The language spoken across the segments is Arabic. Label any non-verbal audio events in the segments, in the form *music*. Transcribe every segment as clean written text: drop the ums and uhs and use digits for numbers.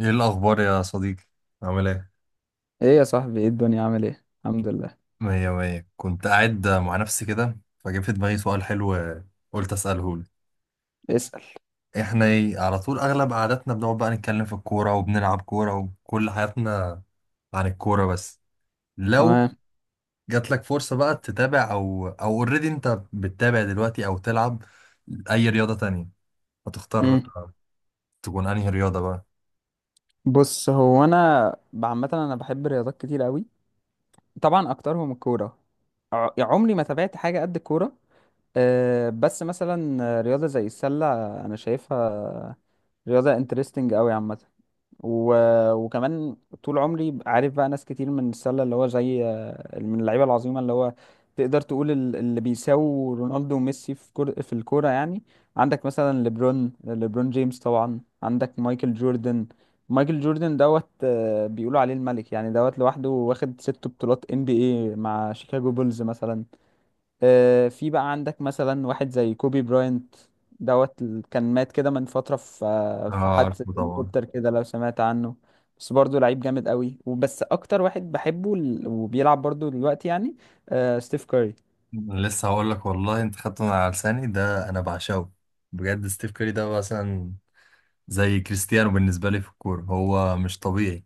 ايه الاخبار يا صديقي؟ عامل ايه؟ ايه يا صاحبي، ايه الدنيا، عامل ايه؟ الحمد لله. مية مية. كنت قاعد مع نفسي كده فجه في دماغي سؤال حلو، قلت اساله لك. اسأل. احنا إيه على طول اغلب قعداتنا بنقعد بقى نتكلم في الكوره وبنلعب كوره وكل حياتنا عن الكوره بس. لو تمام. جات لك فرصه بقى تتابع او اوريدي انت بتتابع دلوقتي او تلعب اي رياضه تانية، هتختار مم. تكون انهي رياضه بقى؟ بص. هو انا عامه انا بحب الرياضات كتير قوي. طبعا اكترهم الكوره. عمري ما تابعت حاجه قد الكوره. بس مثلا رياضه زي السله، انا شايفها رياضه انترستنج قوي عامه. و... وكمان طول عمري عارف بقى ناس كتير من السله، اللي هو زي، من اللعيبه العظيمه، اللي هو تقدر تقول اللي بيساووا رونالدو وميسي في في الكوره يعني. عندك مثلا ليبرون جيمس، طبعا عندك مايكل جوردن. مايكل جوردن دوت آه، بيقولوا عليه الملك يعني، لوحده واخد 6 بطولات ان بي اي مع شيكاغو بولز مثلا. في بقى عندك مثلا واحد زي كوبي براينت، كان مات كده من فترة في اه، حادثة عارفه طبعا. هليكوبتر كده لو سمعت عنه. بس برضه لعيب جامد قوي، وبس اكتر واحد بحبه وبيلعب برضه دلوقتي يعني، ستيف كاري. لسه هقول لك والله، انت خدت من على لساني ده، انا بعشقه بجد. ستيف كاري ده مثلا زي كريستيانو بالنسبة لي في الكورة، هو مش طبيعي.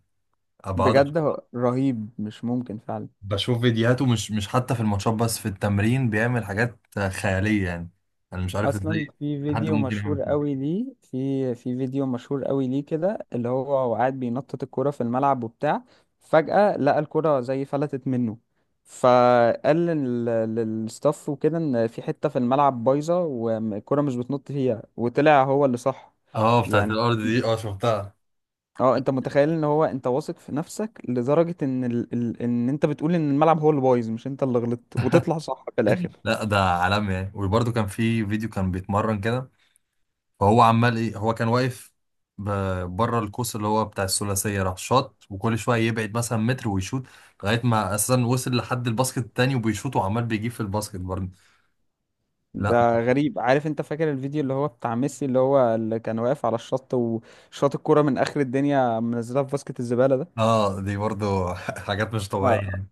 بقعد بجد هو رهيب، مش ممكن فعلا. بشوف فيديوهاته، مش حتى في الماتشات بس في التمرين بيعمل حاجات خيالية يعني. أنا مش عارف اصلا إزاي في حد فيديو ممكن يعمل مشهور كده. قوي ليه، كده، اللي هو قاعد بينطط الكرة في الملعب وبتاع. فجأة لقى الكرة زي فلتت منه، فقال للستاف وكده ان في حتة في الملعب بايظة والكرة مش بتنط فيها، وطلع هو اللي صح اه بتاعت يعني. الأرض دي، اه شفتها. اه انت متخيل ان هو، انت واثق في نفسك لدرجة ان ان انت بتقول ان الملعب هو اللي بايظ، مش انت اللي غلطت، وتطلع صح في الاخر. *laughs* لا ده عالمي يعني. وبرده كان في فيديو كان بيتمرن كده، فهو عمال إيه، هو كان واقف بره القوس اللي هو بتاع الثلاثية، راح شاط، وكل شوية يبعد مثلا متر ويشوط لغاية ما أساسا وصل لحد الباسكت التاني وبيشوط وعمال بيجيب في الباسكت برضه. لا. ده غريب. عارف، انت فاكر الفيديو اللي هو بتاع ميسي اللي هو اللي كان واقف على الشط وشاط الكرة من اخر الدنيا منزلها في باسكت الزبالة ده؟ اه دي برضو. *laughs* حاجات مش طبيعية آه. يعني.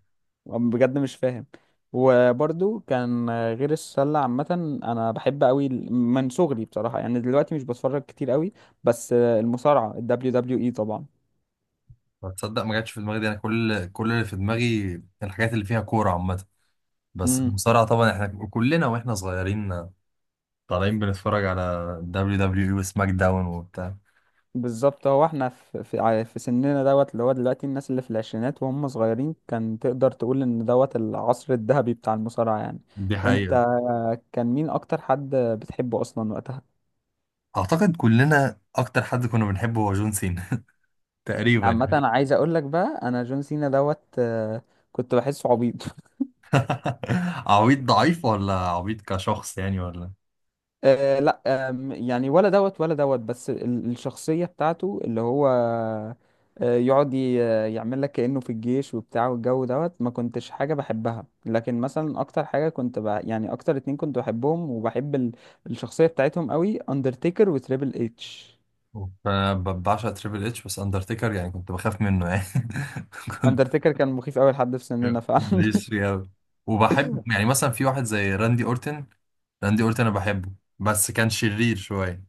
بجد مش فاهم. وبرضو كان، غير السلة عامة، أنا بحب أوي من صغري بصراحة، يعني دلوقتي مش بتفرج كتير أوي، بس المصارعة ال WWE طبعا. تصدق ما جاتش في دماغي دي، انا كل اللي في دماغي الحاجات اللي فيها كورة عامة. بس امم المصارعة طبعا، احنا كلنا واحنا صغيرين طالعين بنتفرج على دبليو دبليو اي وسماك داون وبتاع. بالظبط، هو احنا في سننا، اللي هو دلوقتي الناس اللي في العشرينات وهم صغيرين، كان تقدر تقول إن العصر الذهبي بتاع المصارعة يعني. دي حقيقة. انت كان مين اكتر حد بتحبه اصلا وقتها؟ اعتقد كلنا اكتر حد كنا بنحبه هو جون سينا. *laughs* تقريبا. عامه يعني انا عايز اقول لك بقى، انا جون سينا دوت آه، كنت بحسه عبيط. *laughs* *laughs* عبيط ضعيف ولا عبيط كشخص يعني ولا؟ لا، يعني ولا ولا بس الشخصيه بتاعته اللي هو يقعد يعمل لك كانه في الجيش وبتاع، والجو ما كنتش حاجه بحبها، لكن مثلا اكتر حاجه كنت بقى، يعني اكتر اتنين كنت بحبهم وبحب الشخصيه بتاعتهم قوي، اندرتيكر وتريبل اتش. بعشق تريبل اتش، بس اندرتيكر يعني كنت بخاف منه يعني. *laughs* كنت اندرتيكر كان مخيف قوي لحد في سننا فعلا. ماليش فيه أوي. وبحب يعني مثلا في واحد زي راندي أورتن، راندي أورتن أنا بحبه، بس كان شرير شوية.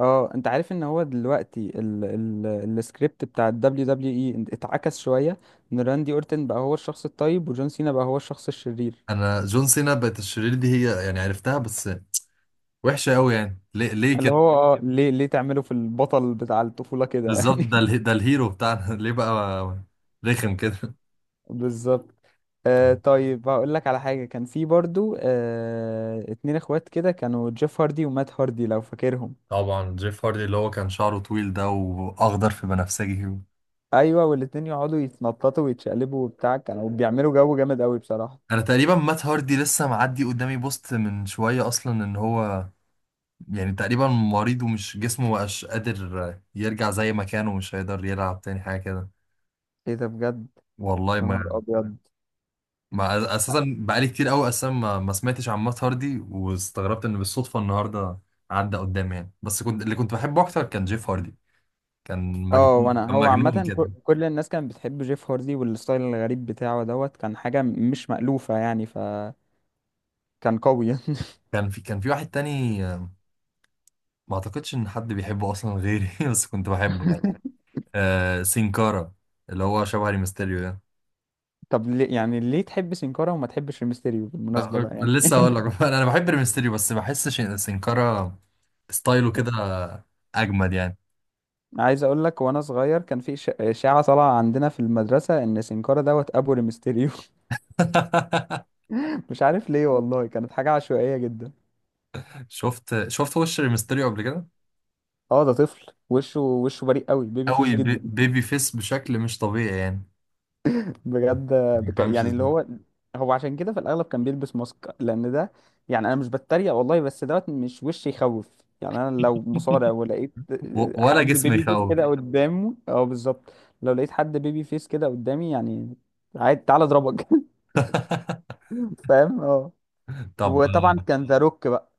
اه انت عارف ان هو دلوقتي ال السكريبت بتاع ال WWE اتعكس شوية، ان راندي اورتن بقى هو الشخص الطيب، وجون سينا بقى هو الشخص الشرير. أنا جون سينا بقت الشرير دي، هي يعني عرفتها بس وحشة أوي، يعني ليه ليه اللي كده؟ هو، *laughs* اه ليه ليه تعمله في البطل بتاع الطفولة كده بالظبط، يعني؟ *laughs* ده الهيرو بتاعنا، *laughs* ليه بقى رخم كده؟ بالظبط. آه طيب، هقول لك على حاجة، كان في برضو 2 اخوات كده، كانوا جيف هاردي ومات هاردي لو فاكرهم. طبعا جيف هاردي اللي هو كان شعره طويل ده وأخضر في بنفسجي. ايوه، والاتنين يقعدوا يتنططوا ويتشقلبوا وبتاع، كانوا بيعملوا جو جامد قوي بصراحة. أنا تقريبا مات هاردي لسه معدي قدامي بوست من شوية أصلا، إن هو يعني تقريبا مريض، ومش جسمه مبقاش قادر يرجع زي ما كان ومش هيقدر يلعب تاني حاجة كده. ايه ده بجد، والله يا نهار ما، ابيض. ما اساسا بقالي كتير قوي اساسا ما سمعتش عن مات هاردي، واستغربت ان بالصدفة النهاردة عدى قدامي يعني. بس كنت، اللي كنت بحبه اكتر كان جيف هاردي. كان اه، مجنون وانا كان هو مجنون عامة كده. كل الناس كانت بتحب جيف هاردي، والستايل الغريب بتاعه كان حاجة مش مألوفة يعني، فكان قوي. كان في واحد تاني، ما اعتقدش ان حد بيحبه اصلا غيري، *laughs* بس كنت بحبه يعني. *laughs* آه سينكارا، اللي هو شبه ريمستيريو ده. طب ليه يعني، ليه تحب سينكارا وما تحبش الميستيريو بالمناسبة أه، بقى يعني؟ لسه اقول لك. *laughs* انا بحب الميستيريو بس بحس سنكارا ستايله كده اجمد يعني. عايز اقول لك، وانا صغير كان في إشاعة طالعة عندنا في المدرسة، ان سينكارا ابو الميستيريو. *laughs* *laughs* مش عارف ليه والله، كانت حاجة عشوائية جدا. شفت وش الميستيريو قبل كده؟ اه ده طفل، وشه بريء قوي، بيبي فيس قوي جدا. بيبي فيس بشكل مش طبيعي يعني، بجد ما بيفهمش يعني اللي ازاي. هو، هو عشان كده في الاغلب كان بيلبس ماسك، لان ده يعني، انا مش بتريق والله، بس مش وش يخوف يعني. انا لو مصارع ولقيت ولا حد جسم بيبي فيس يخوف. كده قدامه، اه بالظبط، لو لقيت حد بيبي فيس كده قدامي يعني، عادي تعالى اضربك. *laughs* *laughs* فاهم اه. طب وطبعا كان ذا روك بقى،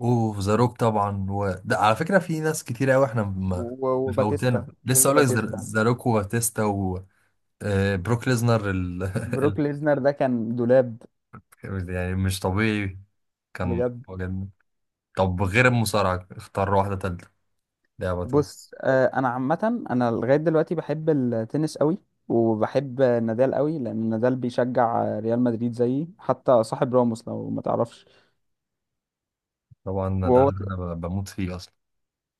اوف ذا روك طبعا. و... ده على فكره في ناس كتير قوي احنا مفوتنا. وباتيستا، بيف لسه اقول لك: باتيستا، ذا روك، وباتيستا، وبروك ليزنر. ال... *laughs* بروك ليزنر ده كان دولاب. ال... يعني مش طبيعي، كان بجد. بجد. طب غير المصارعة اختار واحدة تالتة، لعبة تالتة. بص، انا عامه، انا لغايه دلوقتي بحب التنس قوي، وبحب نادال قوي، لان نادال بيشجع ريال مدريد زيي، حتى صاحب راموس لو ما تعرفش. طبعا ده وهو اللي أنا بموت فيه أصلا.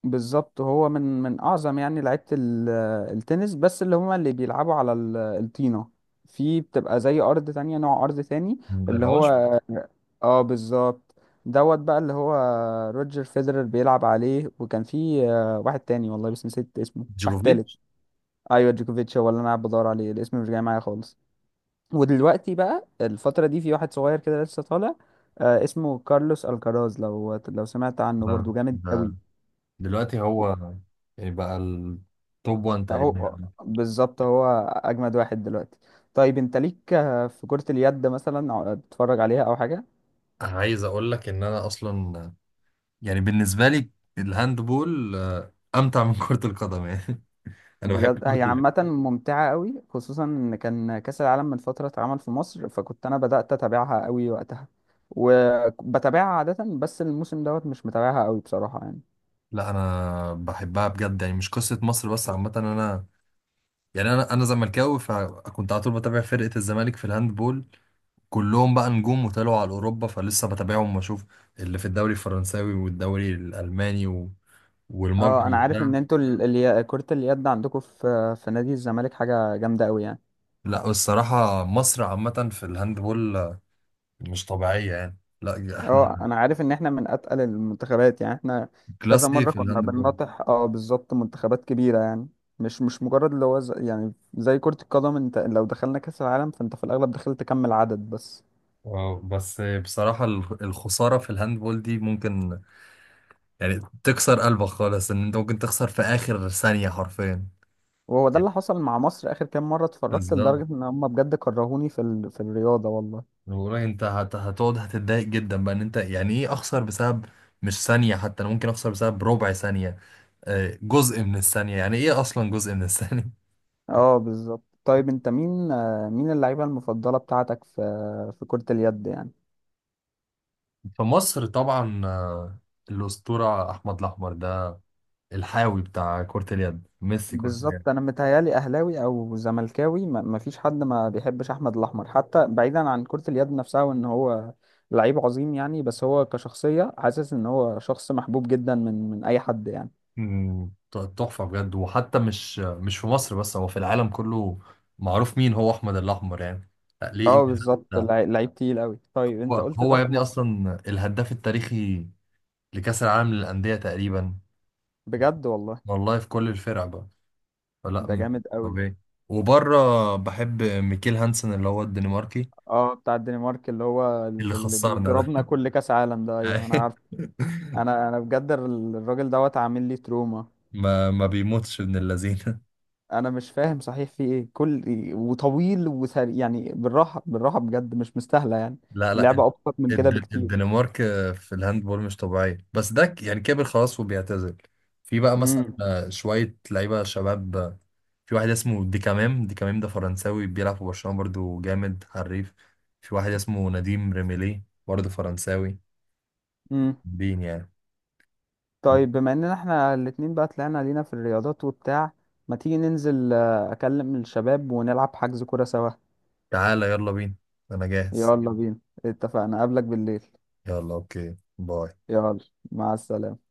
بالظبط، هو من اعظم يعني لعيبه التنس، بس اللي هما اللي بيلعبوا على الطينه، في بتبقى زي ارض تانية، نوع ارض تاني اللي العشب. هو. مم. اه بالظبط. بقى اللي هو روجر فيدرر بيلعب عليه، وكان في واحد تاني والله بس نسيت اسمه، واحد تالت. جوكوفيتش. ايوه، جوكوفيتش، هو اللي انا قاعد بدور عليه، الاسم مش جاي معايا خالص. ودلوقتي بقى الفترة دي، في واحد صغير كده لسه طالع، اسمه كارلوس الكراز، لو سمعت عنه، ده, برضو جامد قوي. ده دلوقتي هو يعني بقى التوب 1 هو تقريبا. بالظبط، هو اجمد واحد دلوقتي. طيب انت ليك في كرة اليد مثلا، أو بتتفرج عليها او حاجة؟ عايز أقول لك إن أنا أصلا يعني بالنسبة لي الهاند بول، أمتع من كرة القدم يعني. *laughs* أنا بحب بجد كرة هي ال-. عامة ممتعة قوي، خصوصا ان كان كأس العالم من فترة اتعمل في مصر، فكنت انا بدأت اتابعها قوي وقتها، وبتابعها عادة، بس الموسم مش متابعها قوي بصراحة يعني. لا أنا بحبها بجد، يعني مش قصة مصر بس، عامة أنا يعني، أنا زملكاوي فكنت على طول بتابع فرقة الزمالك في الهاند بول. كلهم بقى نجوم وطلعوا على اوروبا فلسه بتابعهم واشوف اللي في الدوري الفرنساوي والدوري الالماني و... اه والمجري انا عارف وبتاع. ان انتوا كرة اليد عندكم في نادي الزمالك حاجة جامدة قوي يعني. لا الصراحه مصر عامه في الهاندبول مش طبيعيه يعني. لا اه احنا انا عارف ان احنا من اتقل المنتخبات يعني، احنا كذا كلاس ايه مرة في كنا الهاندبول. بنناطح، اه بالظبط، منتخبات كبيرة يعني. مش مجرد اللي هو يعني زي كرة القدم، انت لو دخلنا كأس العالم، فانت في الاغلب دخلت كم العدد بس. اه بس بصراحه الخساره في الهاندبول دي ممكن يعني تكسر قلبك خالص، ان انت ممكن تخسر في اخر ثانيه حرفيا. وهو ده اللي حصل مع مصر اخر كام مرة اتفرجت، بالظبط، لدرجة ان هم بجد كرهوني في في الرياضة والله. والله انت هت... هتقعد هتتضايق جدا بقى ان انت يعني ايه اخسر بسبب، مش ثانية حتى، انا ممكن اخسر بسبب ربع ثانية، جزء من الثانية. يعني ايه اصلا جزء من الثانية؟ اه بالظبط. طيب انت مين، مين اللعيبة المفضلة بتاعتك في في كرة اليد يعني؟ *laughs* في مصر طبعا، الأسطورة احمد الاحمر ده، الحاوي بتاع كرة اليد، ميسي كرة اليد. بالظبط، انا متهيالي اهلاوي او زملكاوي، ما فيش حد ما بيحبش احمد الاحمر، حتى بعيدا عن كرة اليد نفسها، وان هو لعيب عظيم يعني، بس هو كشخصية حاسس ان هو شخص محبوب جدا من اي حد يعني. مم، تحفة بجد. وحتى مش مش في مصر بس، هو في العالم كله معروف مين هو احمد الاحمر يعني. لا، ليه اه انجازات بالظبط، ده. لعيب تقيل قوي. طيب انت هو قلت هو ده يا في ابني مصر. اصلا الهداف التاريخي لكأس العالم للأندية تقريبا. بجد والله. والله في كل الفرق بقى، فلا. ده م- جامد قوي. طبيعي. وبره بحب ميكيل هانسن اللي هو الدنماركي، اه بتاع الدنمارك، اللي هو اللي اللي خسرنا ده. بيضربنا كل كاس عالم ده، ايوه انا عارف. *laughs* انا بجد الراجل عامل لي تروما. ما ما بيموتش ابن اللذينه. انا مش فاهم صحيح، في ايه كل، وطويل وسريع يعني، بالراحه بالراحه بجد، مش مستاهله يعني. لا لا، اللعبه ابسط من كده بكتير. الدنمارك في الهاندبول مش طبيعيه، بس ده ك- يعني كبر خلاص وبيعتزل. في بقى مثلا، امم. شويه لعيبه شباب، في واحد اسمه ديكامام ده فرنساوي بيلعب في برشلونه، برضو جامد حريف. في واحد اسمه نديم ريميلي برضو فرنساوي، امم. بين يعني. طيب بما اننا احنا الاتنين بقى طلعنا لينا في الرياضات وبتاع، ما تيجي ننزل، اكلم الشباب، ونلعب حجز كوره سوا؟ تعالى، يلا بينا، انا جاهز. يلا بينا، اتفقنا، اقابلك بالليل. يلا، اوكي، باي. يلا، مع السلامه.